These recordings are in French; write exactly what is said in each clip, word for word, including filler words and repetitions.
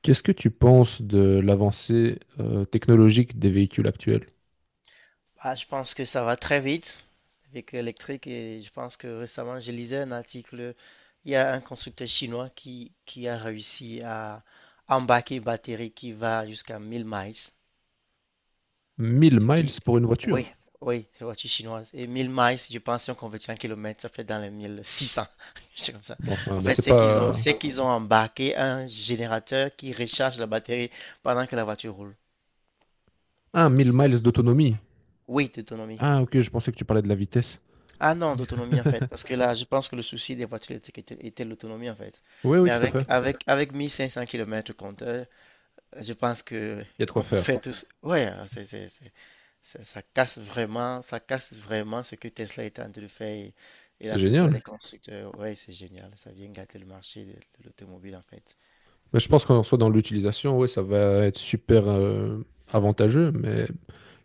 Qu'est-ce que tu penses de l'avancée euh, technologique des véhicules actuels? Ah, je pense que ça va très vite avec l'électrique et je pense que récemment je lisais un article. Il y a un constructeur chinois qui, qui a réussi à embarquer une batterie qui va jusqu'à 1000 miles. Mille Ce miles qui, pour une voiture? oui, oui, c'est la voiture chinoise. Et 1000 miles, je pense, si on convertit en kilomètres, ça fait dans les mille six cents. sais comme ça. Bon. Enfin, En ben, fait, c'est c'est qu'ils ont, pas... c'est qu'ils ont embarqué un générateur qui recharge la batterie pendant que la voiture roule. Ah, mille miles C'est- d'autonomie. Oui, d'autonomie. Ah, ok, je pensais que tu parlais de la vitesse. Ah non, d'autonomie en fait, parce que là, je pense que le souci des voitures électriques était, était l'autonomie en fait. Oui, oui, Mais tout à avec, fait. avec, avec quinze cents km compteur, euh, je pense que Il y a de quoi on peut faire. faire tout. ce- Ouais. euh, c'est, c'est, c'est- ça ça casse vraiment, ça casse vraiment ce que Tesla est en train de faire et, et C'est la plupart génial. des constructeurs. Ouais, c'est génial, ça vient gâter le marché de, de l'automobile en fait. Mais je pense qu'en soit dans l'utilisation, ouais, ça va être super euh, avantageux. Mais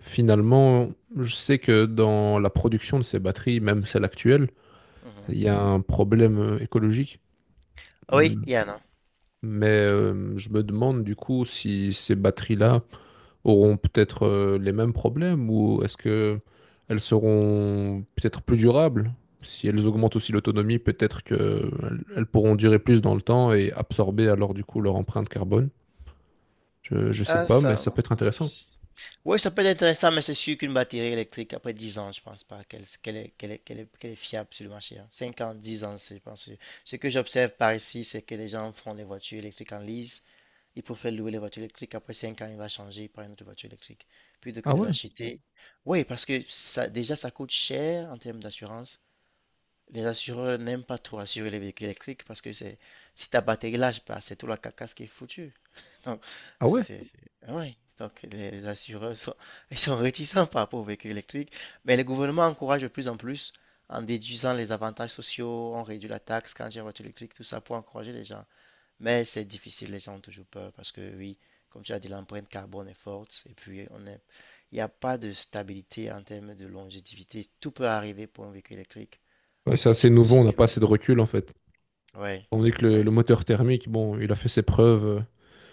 finalement, je sais que dans la production de ces batteries, même celles actuelles, Mhm. il y a un problème euh, écologique. Ah oui, Yana. Mais euh, je me demande du coup si ces batteries-là auront peut-être euh, les mêmes problèmes ou est-ce que elles seront peut-être plus durables? Si elles augmentent aussi l'autonomie, peut-être qu'elles elles pourront durer plus dans le temps et absorber alors du coup leur empreinte carbone. Je, je sais Ah, pas, mais ça. ça peut être intéressant. Oui, ça peut être intéressant, mais c'est sûr qu'une batterie électrique, après dix ans, je pense pas qu'elle qu'elle est, qu'elle est, qu'elle est, qu'elle est fiable sur le marché. Hein. Cinq ans, dix ans, c'est, je pense. que- Ce que j'observe par ici, c'est que les gens font les voitures électriques en lease. Ils préfèrent louer les voitures électriques. Après cinq ans, il va changer par une autre voiture électrique plutôt que Ah de ouais? l'acheter. Oui, parce que ça, déjà, ça coûte cher en termes d'assurance. Les assureurs n'aiment pas trop assurer les véhicules électriques parce que c'est si ta batterie lâche, bah, c'est tout la carcasse qui est foutue. Donc, Ah c'est, ouais? c'est, c'est- ah ouais. Donc, les, les assureurs sont, ils sont réticents par rapport aux véhicules électriques. Mais le gouvernement encourage de plus en plus en déduisant les avantages sociaux, on réduit la taxe quand j'ai une voiture électrique, tout ça pour encourager les gens. Mais c'est difficile, les gens ont toujours peur parce que, oui, comme tu as dit, l'empreinte carbone est forte et puis on est, il n'y a pas de stabilité en termes de longévité. Tout peut arriver pour un véhicule électrique. Ouais, c'est Petit assez coup nouveau, si. on n'a pas assez de recul en fait. Ouais, On est que le, ouais. le moteur thermique, bon, il a fait ses preuves euh,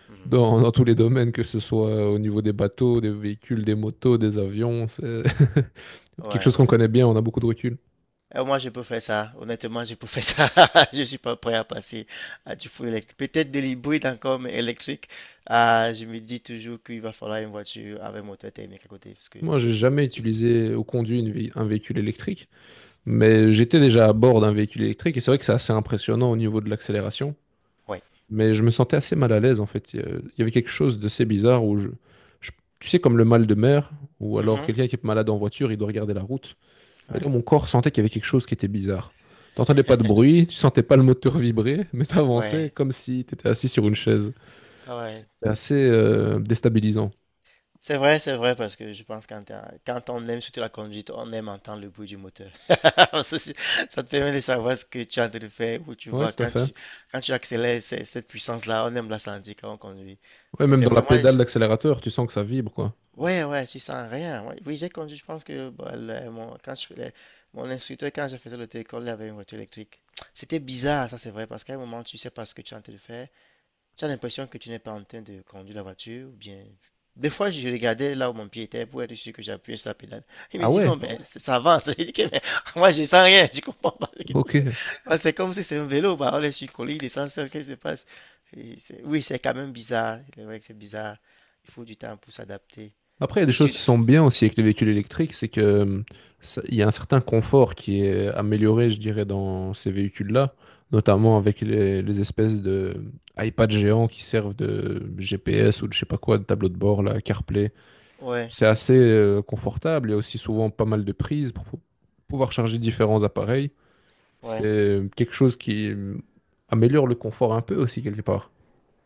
Mhm. dans, dans tous les domaines, que ce soit au niveau des bateaux, des véhicules, des motos, des avions. C'est- quelque Ouais, chose qu'on ouais. connaît bien, on a beaucoup de recul. Euh, moi, je peux faire ça. Honnêtement, je peux faire ça. Je suis pas prêt à passer à du full électrique. Peut-être de l'hybride encore, mais électrique. Ah, je me dis toujours qu'il va falloir une voiture avec moteur thermique à côté. Parce que, Moi, j'ai jamais tu- utilisé ou conduit une vé- un véhicule électrique, mais j'étais déjà à bord d'un véhicule électrique et c'est vrai que c'est assez impressionnant au niveau de l'accélération. ouais. Mais je me sentais assez mal à l'aise en fait. Il y a- il y avait quelque chose d'assez bizarre où je, je- tu sais, comme le mal de mer ou alors Mhm. quelqu'un qui est malade en voiture, il doit regarder la route. Et là, Ouais, mon corps sentait qu'il y avait quelque chose qui était bizarre. T'entendais pas de bruit, tu sentais pas le moteur vibrer, mais t'avançais ouais. comme si t'étais assis sur une chaise. Ah ouais. C'est assez euh, déstabilisant. C'est vrai, c'est vrai, parce que je pense quand, t'es quand on aime surtout la conduite, on aime entendre le bruit du moteur. Ça, c'est- Ça te permet de savoir ce que tu es en train de faire, où tu Ouais, vas, tout à quand fait. tu, quand tu accélères, c'est- cette puissance-là, on aime la sentir quand on conduit. Ouais, Et même c'est dans la vrai, moi, pédale d'accélérateur, tu sens que ça vibre, quoi. ouais, ouais, tu sens rien. Moi, oui, j'ai conduit, je pense que bah, le- mon, quand je faisais- mon instructeur, quand je faisais l'auto-école, il avait une voiture électrique. C'était bizarre, ça c'est vrai, parce qu'à un moment, tu sais pas ce que tu es en train de faire. Tu as l'impression que tu n'es pas en train de conduire la voiture, ou bien. Des fois, je regardais là où mon pied était pour être sûr que j'appuyais sur la pédale. Il me Ah dit non, ouais, mais c- ça avance. Je dis que mais moi, je sens rien, je comprends pas ce qui se passe. ok. Parce que c'est comme si c'est un vélo, bah, on est sur une colline, il descend seul, qu'est-ce qui se passe? Et c'est- Oui, c'est quand même bizarre. C'est vrai que c'est bizarre. Il faut du temps pour s'adapter. Après, il y a des Et choses qui surtout. sont bien aussi avec les véhicules électriques, c'est que euh, ça- il y a un certain confort qui est amélioré, je dirais, dans ces véhicules-là, notamment avec les, les espèces de hum, iPads géants qui servent de G P S ou de je sais pas quoi, de tableau de bord, là, CarPlay. Ouais, C'est assez euh, confortable. Il y a aussi souvent pas mal de prises pour pou- pouvoir charger différents appareils. ouais. C'est hum, quelque chose qui euh, améliore le confort un peu aussi, quelque part.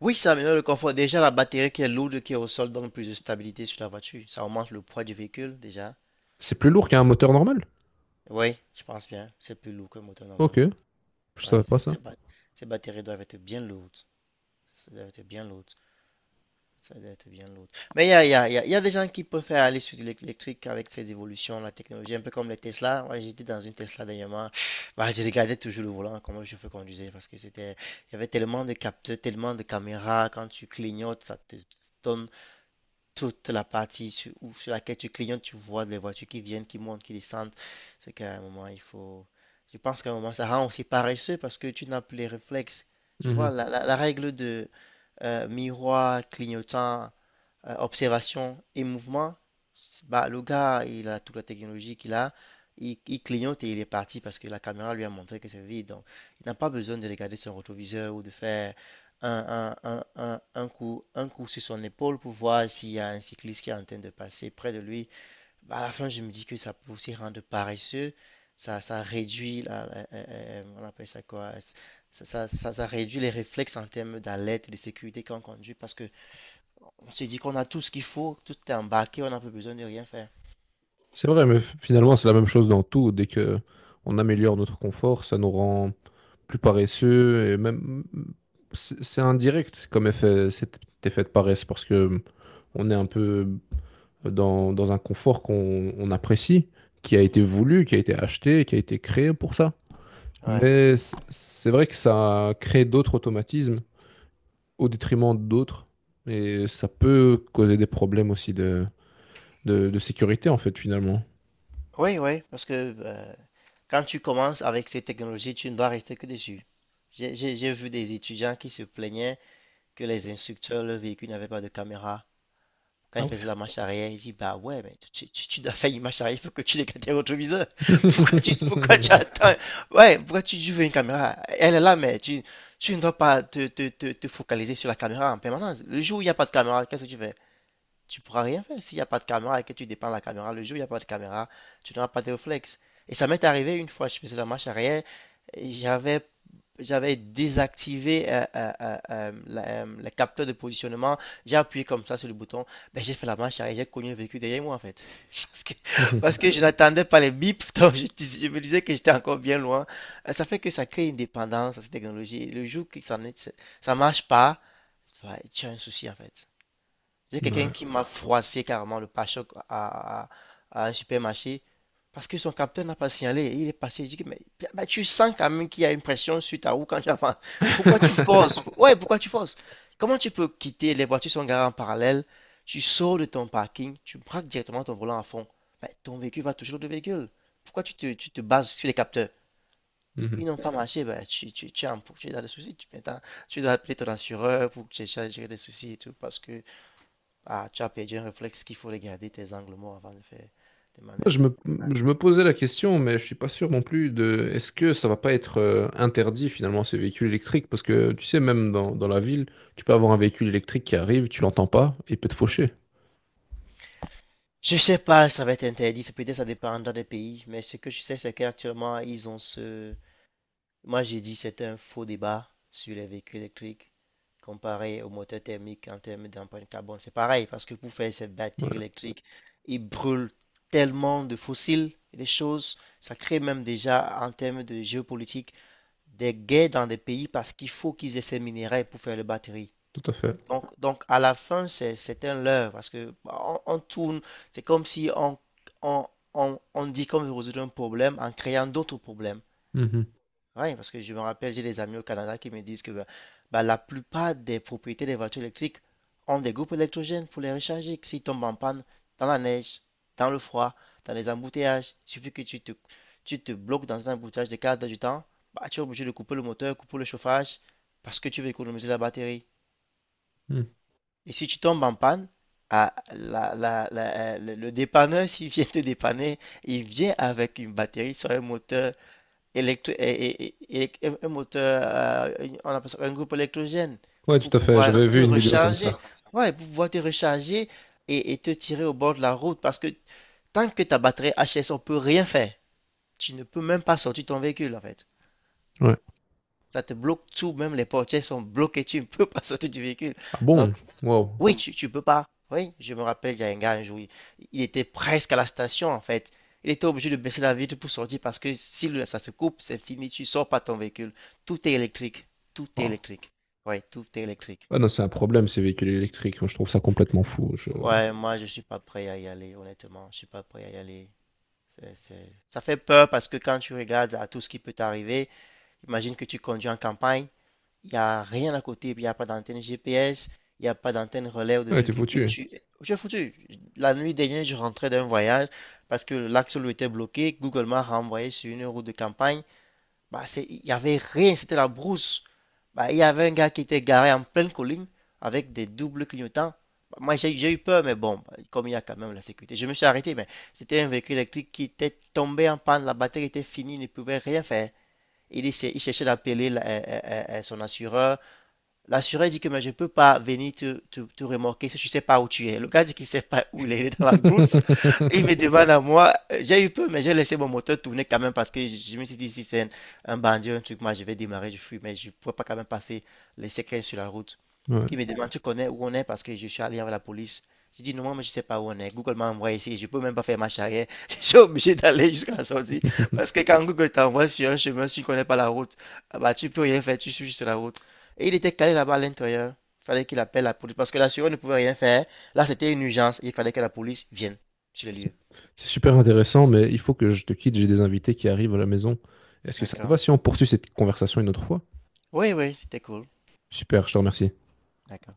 Oui, ça améliore le confort. Déjà, la batterie qui est lourde, qui est au sol, donne plus de stabilité sur la voiture. Ça augmente le poids du véhicule, déjà. C'est plus lourd qu'un moteur normal. Oui, je pense bien. C'est plus lourd qu'un moteur Ok, normal. je Ouais, savais pas c'est ça. c'est ba- ces batteries doivent être bien lourdes. Ça doit être bien lourd. Ça doit être bien lourd. Mais il y a, il y a- il y a- il y a des gens qui préfèrent aller sur l'électrique avec ces évolutions, la technologie, un peu comme les Tesla. Moi, j'étais dans une Tesla dernièrement. Bah, je regardais toujours le volant, comment je fais conduisais, parce que c'était, il y avait tellement de capteurs, tellement de caméras. Quand tu clignotes, ça te donne toute la partie sur, où- sur laquelle tu clignotes, tu vois les voitures qui viennent, qui montent, qui descendent. C'est qu'à un moment, il faut. Je pense qu'à un moment, ça rend aussi paresseux parce que tu n'as plus les réflexes. Tu vois, Mhm. la, la- la règle de euh, miroir, clignotant, euh, observation et mouvement, bah, le gars, il a toute la technologie qu'il a, il, il clignote et il est parti parce que la caméra lui a montré que c'est vide. Donc, il n'a pas besoin de regarder son rétroviseur ou de faire un, un, un, un, un coup, un coup sur son épaule pour voir s'il y a un cycliste qui est en train de passer près de lui. Bah, à la fin, je me dis que ça peut aussi rendre paresseux. Ça, ça réduit la, la- euh, euh, on appelle ça quoi? Ça, ça, ça- ça réduit les réflexes en termes d'alerte et de sécurité quand on conduit parce que on s'est dit qu'on a tout ce qu'il faut, tout est embarqué, on n'a plus besoin de rien faire. C'est vrai, mais f- finalement, c'est la même chose dans tout. Dès que on améliore notre confort, ça nous rend plus paresseux et même c'est c'est indirect comme effet, cet effet de paresse parce que on est un peu dans, dans un confort qu'on on apprécie, qui a été Mhm. voulu, qui a été acheté, qui a été créé pour ça. Ouais. Mais c- c'est vrai que ça crée d'autres automatismes au détriment d'autres et ça peut causer des problèmes aussi de, de de sécurité en fait finalement. Oui, oui, parce que euh, quand tu commences avec ces technologies, tu ne dois rester que dessus. J'ai j'ai- j'ai vu des étudiants qui se plaignaient que les instructeurs, le véhicule n'avait pas de caméra. Quand Ah ils ouais. faisaient la marche arrière, ils disent, bah ouais, mais tu, tu- tu dois faire une marche arrière, il faut que tu regardes tes rétroviseurs. Pourquoi tu, pourquoi tu attends? Ouais, pourquoi tu, tu veux une caméra? Elle est là, mais tu, tu ne dois pas te, te- te- te focaliser sur la caméra en permanence. Le jour où il n'y a pas de caméra, qu'est-ce que tu fais? Tu pourras rien faire s'il n'y a pas de caméra et que tu dépends de la caméra. Le jour où il n'y a pas de caméra, tu n'auras pas de réflexe. Et ça m'est arrivé une fois, je faisais la marche arrière, j'avais j'avais désactivé euh, euh, euh, euh, la- euh, le capteur de positionnement, j'ai appuyé comme ça sur le bouton, ben, j'ai fait la marche arrière, j'ai cogné le véhicule derrière moi en fait. Parce que, parce que je n'attendais pas les bips, donc je, dis- je me disais que j'étais encore bien loin. Euh, Ça fait que ça crée une dépendance à cette technologie. Et le jour que ça ne ça marche pas, ouais, tu as un souci en fait. J'ai quelqu'un Ouais. qui m'a froissé carrément le pare-choc à, à- à un supermarché parce que son capteur n'a pas signalé. Il est passé. Je dis, mais bah, bah, tu sens quand même qu'il y a une pression sur ta roue quand tu avances. Pourquoi tu forces? Ouais, pourquoi tu forces? Comment tu peux quitter? Les voitures sont garées en parallèle. Tu sors de ton parking, tu braques directement ton volant à fond. Bah, ton véhicule va toucher l'autre véhicule. Pourquoi tu te, tu te bases sur les capteurs? Ils Mhm. n'ont pas marché, bah, tu, tu, tu es en- tu es dans des soucis. Tu, maintenant, tu dois appeler ton assureur pour que tu aies des soucis et tout parce que ah, tu as perdu un réflexe qu'il faut regarder tes angles morts avant de faire des Je manœuvres. me, je me posais la question, mais je suis pas sûr non plus de est-ce que ça va pas être euh, interdit finalement ces véhicules électriques? Parce que tu sais, même dans, dans la ville, tu peux avoir un véhicule électrique qui arrive, tu l'entends pas et il peut te Hmm. faucher. Je sais pas, ça va être interdit, ça peut-être ça dépendra des pays, mais ce que je sais, c'est qu'actuellement, ils ont ce... Moi, j'ai dit c'est un faux débat sur les véhicules électriques comparé aux moteurs thermiques en termes d'empreinte carbone. C'est pareil, parce que pour faire ces batteries Ouais, électriques, ils brûlent tellement de fossiles et des choses. Ça crée même déjà, en termes de géopolitique, des gays dans des pays parce qu'il faut qu'ils aient ces minéraux pour faire les batteries. tout à fait. Donc, donc à la fin, c'est, c'est un leurre parce que bah, on, on tourne, c'est comme si on, on, on, on dit qu'on veut résoudre un problème en créant d'autres problèmes. Mhm. Oui, parce que je me rappelle, j'ai des amis au Canada qui me disent que bah, bah, la plupart des propriétés des voitures électriques ont des groupes électrogènes pour les recharger. Que s'ils tombent en panne dans la neige, dans le froid, dans les embouteillages, il suffit que tu te, tu te bloques dans un embouteillage de quatre heures du temps, bah, tu es obligé de couper le moteur, couper le chauffage, parce que tu veux économiser la batterie. Mhm. Et si tu tombes en panne, ah, la- la- la- euh, le le dépanneur, s'il vient te dépanner, il vient avec une batterie sur un moteur électro- et- et- et- et- un moteur, euh, une- on appelle ça un groupe électrogène Ouais, pour tout à tout fait. pouvoir J'avais te vu une vidéo comme recharger. ça. Ouais, pour pouvoir te recharger et, et te tirer au bord de la route parce que tant que ta batterie H S, on peut rien faire. Tu ne peux même pas sortir ton véhicule en fait. Ouais. Ça te bloque tout, même les portières sont bloquées, tu ne peux pas sortir du véhicule. Ah Donc, bon? Wow. oui, tu, tu peux pas. Oui, je me rappelle, il y a un gars un jour, il, il était presque à la station en fait. Il était obligé de baisser la vitre pour sortir parce que si le- ça se coupe, c'est fini, tu sors pas ton véhicule. Tout est électrique. Tout est Wow. électrique. Oui, tout est électrique. Ah non, c'est un problème ces véhicules électriques. Moi, je trouve ça complètement fou. Je- Ouais, moi je suis pas prêt à y aller, honnêtement. Je suis pas prêt à y aller. C'est, c'est- Ça fait peur parce que quand tu regardes à tout ce qui peut t'arriver, imagine que tu conduis en campagne. Il n'y a rien à côté, puis il n'y a pas d'antenne G P S, il n'y a pas d'antenne relais ou de Ouais, t'es trucs et que foutu. tu... Tu es foutu. La nuit dernière, je rentrais d'un voyage parce que l'axe lui était bloqué. Google m'a renvoyé sur une route de campagne. Bah, c'est... Il n'y avait rien, c'était la brousse. Bah, il y avait un gars qui était garé en pleine colline avec des doubles clignotants. Bah, moi, j'ai j'ai eu peur, mais bon, bah, comme il y a quand même la sécurité, je me suis arrêté, mais c'était un véhicule électrique qui était tombé en panne, la batterie était finie, il ne pouvait rien faire. Il, essaie- il cherchait d'appeler la- euh, euh, euh, son assureur. L'assureur dit que mais je ne peux pas venir te, te, te remorquer si je ne sais pas où tu es. Le gars dit qu'il ne sait pas où il est, il est dans la brousse. Il me demande à moi, euh, j'ai eu peur, mais j'ai laissé mon moteur tourner quand même parce que je, me suis dit, si c'est un, un bandit, un truc, moi je vais démarrer, je fuis, mais je ne pourrais pas quand même passer les séquelles sur la route. Ouais. Il me demande, tu connais où on est parce que je suis allé avec la police. Je dis, non, moi, je ne sais pas où on est. Google m'a envoyé ici. Je ne peux même pas faire marche arrière. Je suis obligé d'aller jusqu'à la sortie. Parce que quand Google t'envoie sur un chemin, si tu ne connais pas la route, ah bah, tu ne peux rien faire. Tu suis juste la route. Et il était calé là-bas à l'intérieur. Il fallait qu'il appelle la police. Parce que l'assureur ne pouvait rien faire. Là, c'était une urgence. Il fallait que la police vienne sur le C'est lieu. c'est super intéressant, mais il faut que je te quitte, j'ai des invités qui arrivent à la maison. Est-ce que ça te va D'accord. si on poursuit cette conversation une autre fois? Oui, oui, c'était cool. Super, je te remercie. D'accord.